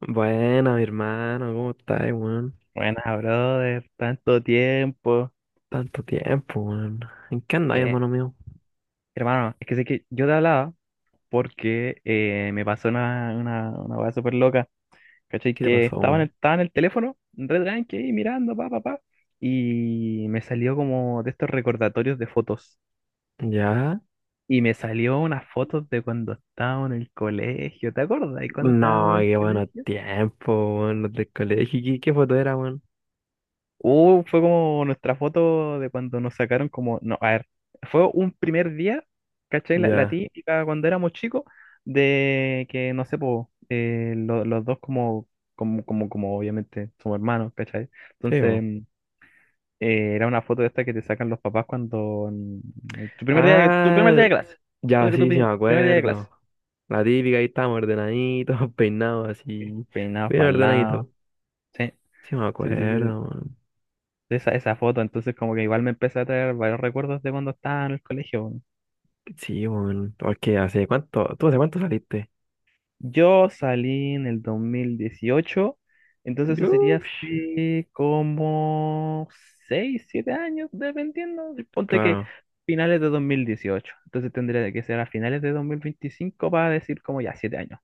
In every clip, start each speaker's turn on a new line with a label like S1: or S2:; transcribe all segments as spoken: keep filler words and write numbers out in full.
S1: Buena, mi hermano, ¿cómo estás, weón?
S2: Buenas, brother, tanto tiempo.
S1: Tanto tiempo, weón. ¿En qué andas,
S2: Eh,
S1: hermano mío?
S2: Hermano, es que sé que yo te hablaba porque eh, me pasó una, una, una weá súper loca, ¿cachai?
S1: ¿Qué te
S2: Que
S1: pasó,
S2: estaba en el,
S1: weón?
S2: estaba en el teléfono, re tranqui, ahí mirando, pa, pa, pa, y me salió como de estos recordatorios de fotos.
S1: ¿Ya?
S2: Y me salió unas fotos de cuando estábamos en el colegio, ¿te acuerdas? ¿Y cuando estábamos
S1: No,
S2: en el
S1: qué bueno
S2: colegio?
S1: tiempo, weón, los del colegio. ¿Qué, qué foto era, weón?
S2: Uh, fue como nuestra foto de cuando nos sacaron como, no, a ver, fue un primer día, ¿cachai? La, la
S1: Ya,
S2: típica cuando éramos chicos, de que, no sé, po, eh, lo- los dos como, como, como, como, obviamente somos hermanos, ¿cachai?
S1: sí,
S2: Entonces,
S1: weón.
S2: mm, eh, era una foto de esta que te sacan los papás cuando, mm, tu primer día de, tu primer
S1: Ah,
S2: día de clase, o
S1: ya,
S2: sea que tu
S1: sí, sí, me
S2: pri- primer día de
S1: acuerdo.
S2: clase,
S1: La típica, ahí estamos ordenaditos, peinados así,
S2: peinados
S1: bien
S2: para el
S1: ordenaditos.
S2: lado, sí,
S1: Sí, me
S2: sí, sí, sí.
S1: acuerdo, weón.
S2: Esa, esa foto, entonces como que igual me empezó a traer varios recuerdos de cuando estaba en el colegio.
S1: Sí, weón. Porque, ¿hace cuánto? ¿Tú hace cuánto saliste?
S2: Yo salí en el dos mil dieciocho, entonces eso sería
S1: Yo,
S2: así como seis siete años, dependiendo. Ponte que
S1: claro,
S2: finales de dos mil dieciocho, entonces tendría que ser a finales de dos mil veinticinco para decir como ya siete años.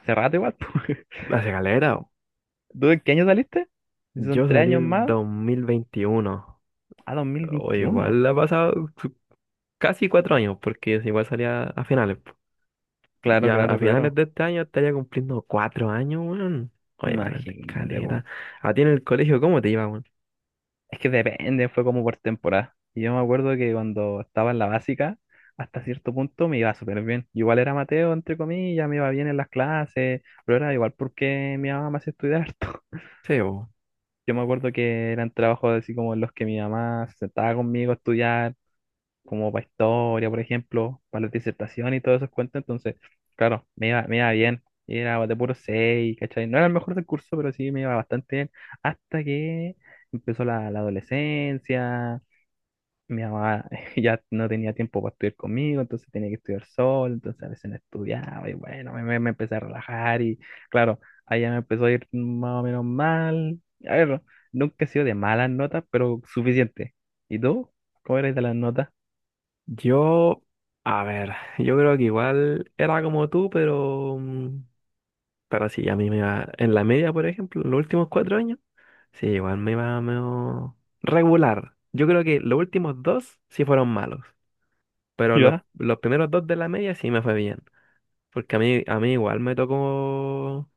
S2: Hace rato igual. po.
S1: hace galera.
S2: ¿Tú en qué año saliste? Si son
S1: Yo
S2: tres
S1: salí
S2: años
S1: el
S2: más,
S1: dos mil veintiuno,
S2: a dos mil
S1: o
S2: veintiuno
S1: igual ha pasado su- casi cuatro años, porque es igual salía a finales, po.
S2: Claro,
S1: Ya a
S2: claro,
S1: finales
S2: claro.
S1: de este año estaría cumpliendo cuatro años, weón. Oye, vale, la
S2: Imagínate, po.
S1: escalera. ¿A ti en el colegio cómo te iba, weón?
S2: Es que depende, fue como por temporada. Y yo me acuerdo que cuando estaba en la básica, hasta cierto punto me iba súper bien. Igual era Mateo, entre comillas, me iba bien en las clases, pero era igual porque mi mamá me hacía estudiar harto.
S1: Sí, bo.
S2: Yo me acuerdo que eran trabajos así como en los que mi mamá se sentaba conmigo a estudiar, como para historia, por ejemplo, para la disertación y todos esos cuentos. Entonces, claro, me iba, me iba bien. Y era de puro seis, ¿cachai? No era el mejor del curso, pero sí me iba bastante bien. Hasta que empezó la, la adolescencia, mi mamá ya no tenía tiempo para estudiar conmigo, entonces tenía que estudiar sola, entonces a veces no estudiaba y bueno, me, me- me empecé a relajar y claro, allá me empezó a ir más o menos mal. A ver, nunca he sido de malas notas, pero suficiente. ¿Y tú? ¿Cómo eres de las notas?
S1: Yo, a ver, yo creo que igual era como tú, pero, mm, pero sí, a mí me iba, en la media, por ejemplo, los últimos cuatro años, sí, igual me iba medio regular. Yo creo que los últimos dos sí fueron malos. Pero los,
S2: Ya,
S1: los primeros dos de la media sí me fue bien. Porque a mí, a mí igual me tocó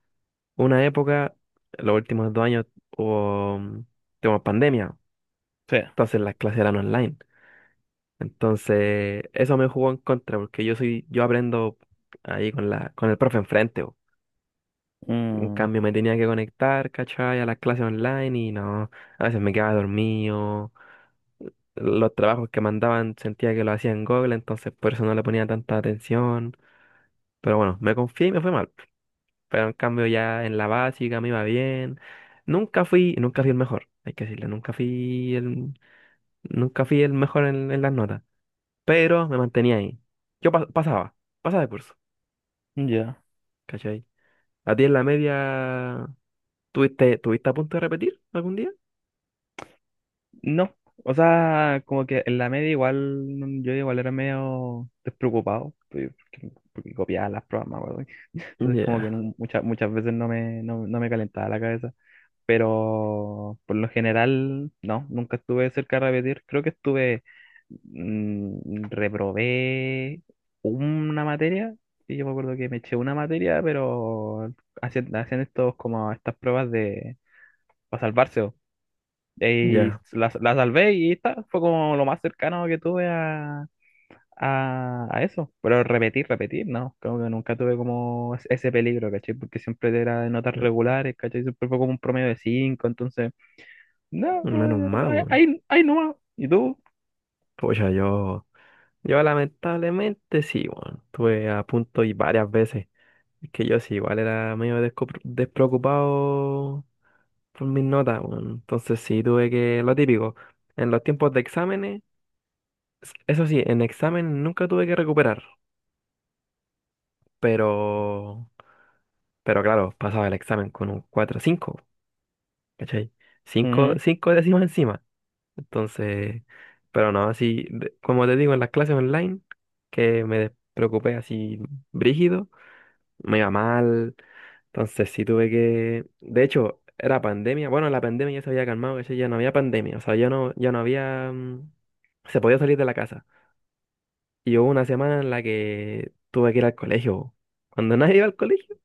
S1: una época, los últimos dos años hubo, mm, tuvimos pandemia.
S2: sí.
S1: Entonces las clases eran online. Entonces eso me jugó en contra porque yo soy, yo aprendo ahí con la, con el profe enfrente, po. En
S2: Mm,
S1: cambio me tenía que conectar, ¿cachai? A las clases online y no, a veces me quedaba dormido. Los trabajos que mandaban sentía que lo hacía en Google, entonces por eso no le ponía tanta atención. Pero bueno, me confié y me fue mal. Pero en cambio ya en la básica me iba bien. Nunca fui, nunca fui el mejor, hay que decirlo, nunca fui el, nunca fui el mejor en en las notas, pero me mantenía ahí. Yo pas- pasaba, pasaba de curso,
S2: ya.
S1: ¿cachai? ¿A ti en la media tuviste, tuviste a punto de repetir algún día?
S2: No, o sea, como que en la media igual, mm, yo igual era medio despreocupado, pues, porque, porque copiaba las pruebas, me acuerdo. Entonces como que
S1: Ya,
S2: nu- muchas, muchas veces no me, no, no me calentaba la cabeza. Pero por lo general, no, nunca estuve cerca de repetir. Creo que estuve, mm, reprobé una materia, y yo me acuerdo que me eché una materia, pero hacían, hacían estos como estas pruebas de para salvarse. Po. Y
S1: ya.
S2: la, la salvé y está, fue como lo más cercano que tuve a, a, a eso. Pero repetir, repetir, no, creo que nunca tuve como ese peligro, ¿cachai? Porque siempre era de notas regulares, ¿cachai? Siempre fue como un promedio de cinco, entonces... No, bro, de
S1: Menos
S2: verdad,
S1: mal,
S2: ahí,
S1: weón.
S2: ahí ahí nomás. ¿Y tú?
S1: Pues yo, yo lamentablemente sí, weón. Estuve a punto y varias veces. Es que yo sí, igual era medio desco- despreocupado por mis notas, weón. Entonces sí, tuve que, lo típico, en los tiempos de exámenes, s- eso sí, en examen nunca tuve que recuperar, pero, pero claro, pasaba el examen con un cuatro cinco, ¿cachai? Cinco
S2: Ujú,
S1: cinco décimas encima. Entonces, pero no, así, de- como te digo, en las clases online, que me despreocupé así brígido, me iba mal. Entonces sí tuve que... De hecho, era pandemia. Bueno, la pandemia ya se había calmado, ¿cachai? Ya no había pandemia. O sea, ya no, ya no había... mm, Se podía salir de la casa. Y hubo una semana en la que tuve que ir al colegio. Cuando nadie iba al colegio,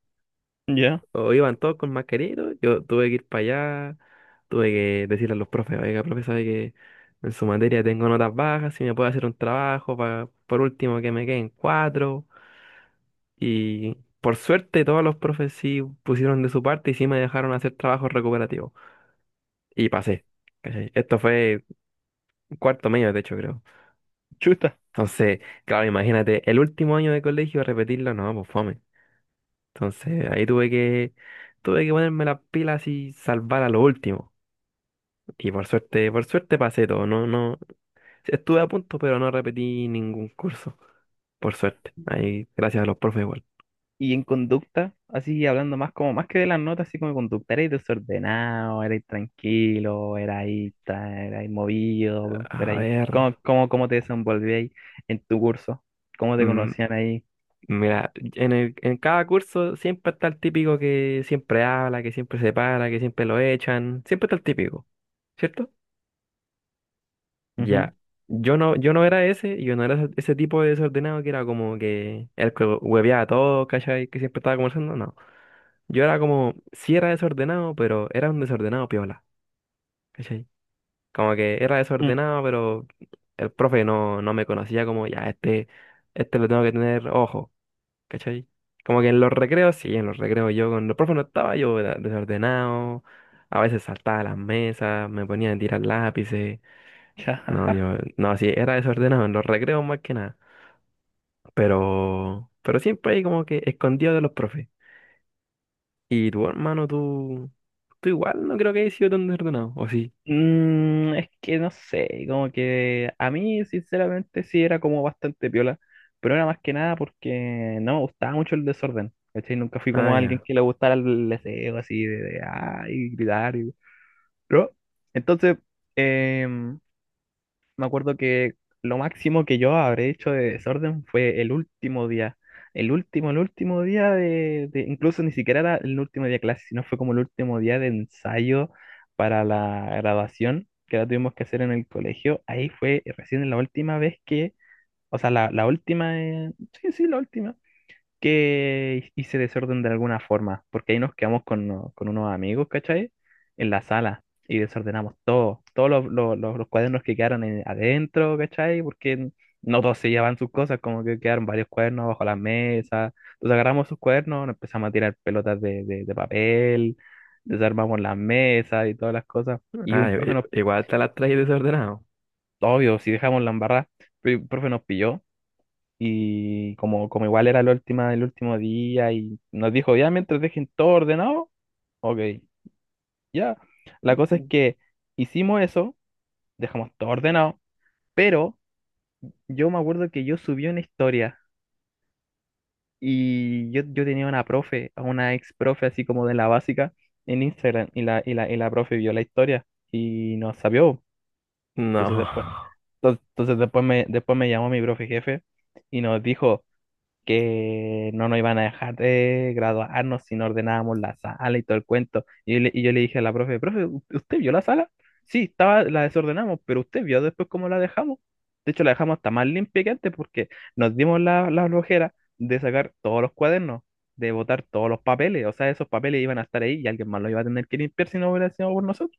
S2: ya,
S1: o iban todos con mascarilla, y todo, yo tuve que ir para allá, tuve que decirle a los profes, oiga, profe, sabe que en su materia tengo notas bajas, si me puede hacer un trabajo, pa- por último que me queden cuatro. Y por suerte todos los profes sí pusieron de su parte y sí me dejaron hacer trabajos recuperativos. Y pasé. ¿Cachai? Esto fue cuarto medio, de hecho, creo.
S2: chuta.
S1: Entonces, claro, imagínate, el último año de colegio repetirlo, no, pues fome. Entonces, ahí tuve que, tuve que ponerme las pilas y salvar a lo último. Y por suerte, por suerte pasé todo. No, no, estuve a punto, pero no repetí ningún curso. Por suerte. Ahí, gracias a los profes igual.
S2: Y en conducta, así hablando más como más que de las notas, así como de conducta, eres desordenado, eres tranquilo, eres ahí, tra- erais movido, pero
S1: A
S2: ahí,
S1: ver.
S2: ¿cómo, cómo, cómo te desenvolvías en tu curso? ¿Cómo te
S1: mm,
S2: conocían ahí?
S1: Mira, en el- en cada curso siempre está el típico que siempre habla, que siempre se para, que siempre lo echan, siempre está el típico, ¿cierto?
S2: Ujú,
S1: Ya. Yo no, yo no era ese, yo no era ese ese tipo de desordenado que era como que el que hueveaba todo, ¿cachai? Que siempre estaba conversando, no. Yo era como, sí era desordenado, pero era un desordenado piola, ¿cachai? Como que era
S2: mm,
S1: desordenado, pero el profe no, no me conocía como, ya, este, este lo tengo que tener ojo. ¿Cachai? Como que en los recreos, sí, en los recreos yo con los profes no estaba, yo era desordenado, a veces saltaba las mesas, me ponía a tirar lápices, no,
S2: ya.
S1: yo, no, sí, era desordenado en los recreos más que nada, pero, pero siempre ahí como que escondido de los profes. Y tu hermano, tú, tú igual no creo que hayas sido tan desordenado, ¿o sí?
S2: Mm, es que no sé, como que a mí sinceramente sí era como bastante piola, pero era más que nada porque no me gustaba mucho el desorden, ¿cachai? Nunca fui
S1: Ah,
S2: como alguien
S1: ya.
S2: que le gustara el deseo así de, de, ay, gritar y... ¿no? Entonces, em, me acuerdo que lo máximo que yo habré hecho de desorden fue el último día. El último, el último día de, de- incluso ni siquiera era el último día de clase, sino fue como el último día de ensayo para la graduación que la tuvimos que hacer en el colegio. Ahí fue recién la última vez que, o sea, la, la última, eh, sí, sí, la última que hice desorden de alguna forma, porque ahí nos quedamos con, uno- con unos amigos, ¿cachai? En la sala y desordenamos todo, todos los, los- los- los cuadernos que quedaron en- adentro, ¿cachai? Porque no todos se llevan sus cosas, como que quedaron varios cuadernos bajo la mesa. Entonces agarramos sus cuadernos, nos empezamos a tirar pelotas de, de- de papel, desarmamos las mesas y todas las cosas. Y
S1: Ah,
S2: un
S1: i-
S2: profe
S1: i-
S2: nos,
S1: igual te las traes desordenado.
S2: obvio, si dejamos la embarrada, pero un profe nos pilló y como, como igual era la última, el último día y nos dijo, ya, mientras dejen todo ordenado, ok, ya. La cosa es que hicimos eso, dejamos todo ordenado, pero yo me acuerdo que yo subí una historia y yo, yo tenía una profe, a una ex profe así como de la básica en Instagram y la, y la, y la profe vio la historia y nos sabió.
S1: No,
S2: Entonces después, entonces entonces después me, después me llamó mi profe jefe y nos dijo... que no nos iban a dejar de graduarnos si no ordenábamos la sala y todo el cuento. Y yo le, y yo le dije a la profe, profe, ¿u- ¿usted vio la sala? Sí, estaba, la desordenamos, pero usted vio después cómo la dejamos. De hecho, la dejamos hasta más limpia que antes porque nos dimos la, la flojera de sacar todos los cuadernos, de botar todos los papeles. O sea, esos papeles iban a estar ahí y alguien más los iba a tener que limpiar si no hubiera sido por nosotros.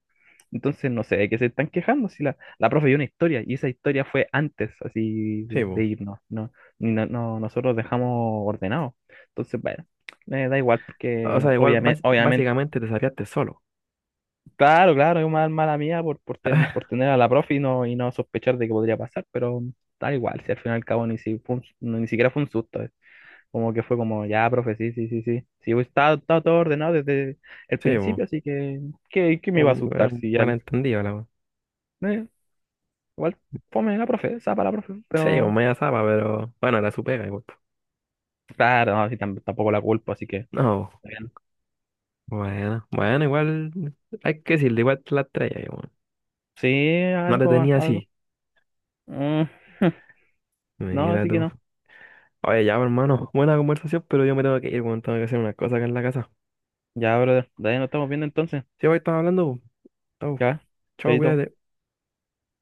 S2: Entonces no sé de qué se están quejando si la, la profe dio una historia y esa historia fue antes así
S1: sí,
S2: de, de
S1: po.
S2: irnos, ¿no? Ni no, no- nosotros dejamos ordenado. Entonces, bueno, me da igual
S1: O
S2: porque
S1: sea, igual
S2: obviamente,
S1: bas-
S2: obviamente,
S1: básicamente te sapeaste solo.
S2: claro, claro, es una mala mía por, por, ten- por tener a la profe y no, y no sospechar de que podría pasar, pero da igual, si al fin y al cabo ni, si fue un- no- ni siquiera fue un susto, eh. Como que fue como, ya, profe, sí, sí, sí, sí, sí, estaba, estaba todo ordenado desde el
S1: Sí, po.
S2: principio, así que, ¿qué, qué me iba a
S1: Un,
S2: asustar
S1: un
S2: si ya...
S1: malentendido, la wea.
S2: Igual fome la profe, para la profe,
S1: Sí, o
S2: pero
S1: media zapa, pero bueno, era su pega igual, po.
S2: claro, así tam- tampoco la culpo, así que
S1: No,
S2: está bien.
S1: bueno, bueno, igual hay que decirle, igual te la estrella, igual.
S2: Sí,
S1: No te
S2: algo,
S1: tenía
S2: algo.
S1: así.
S2: Mm, no,
S1: Mira
S2: así que
S1: tú.
S2: no.
S1: Oye, ya, pues, hermano, buena conversación, pero yo me tengo que ir, weón, tengo que hacer unas cosas acá en la casa.
S2: Ya, brother, de ahí nos estamos viendo entonces.
S1: Sí, hoy estamos hablando, po. Chau,
S2: Ya,
S1: chau,
S2: chaito.
S1: cuídate.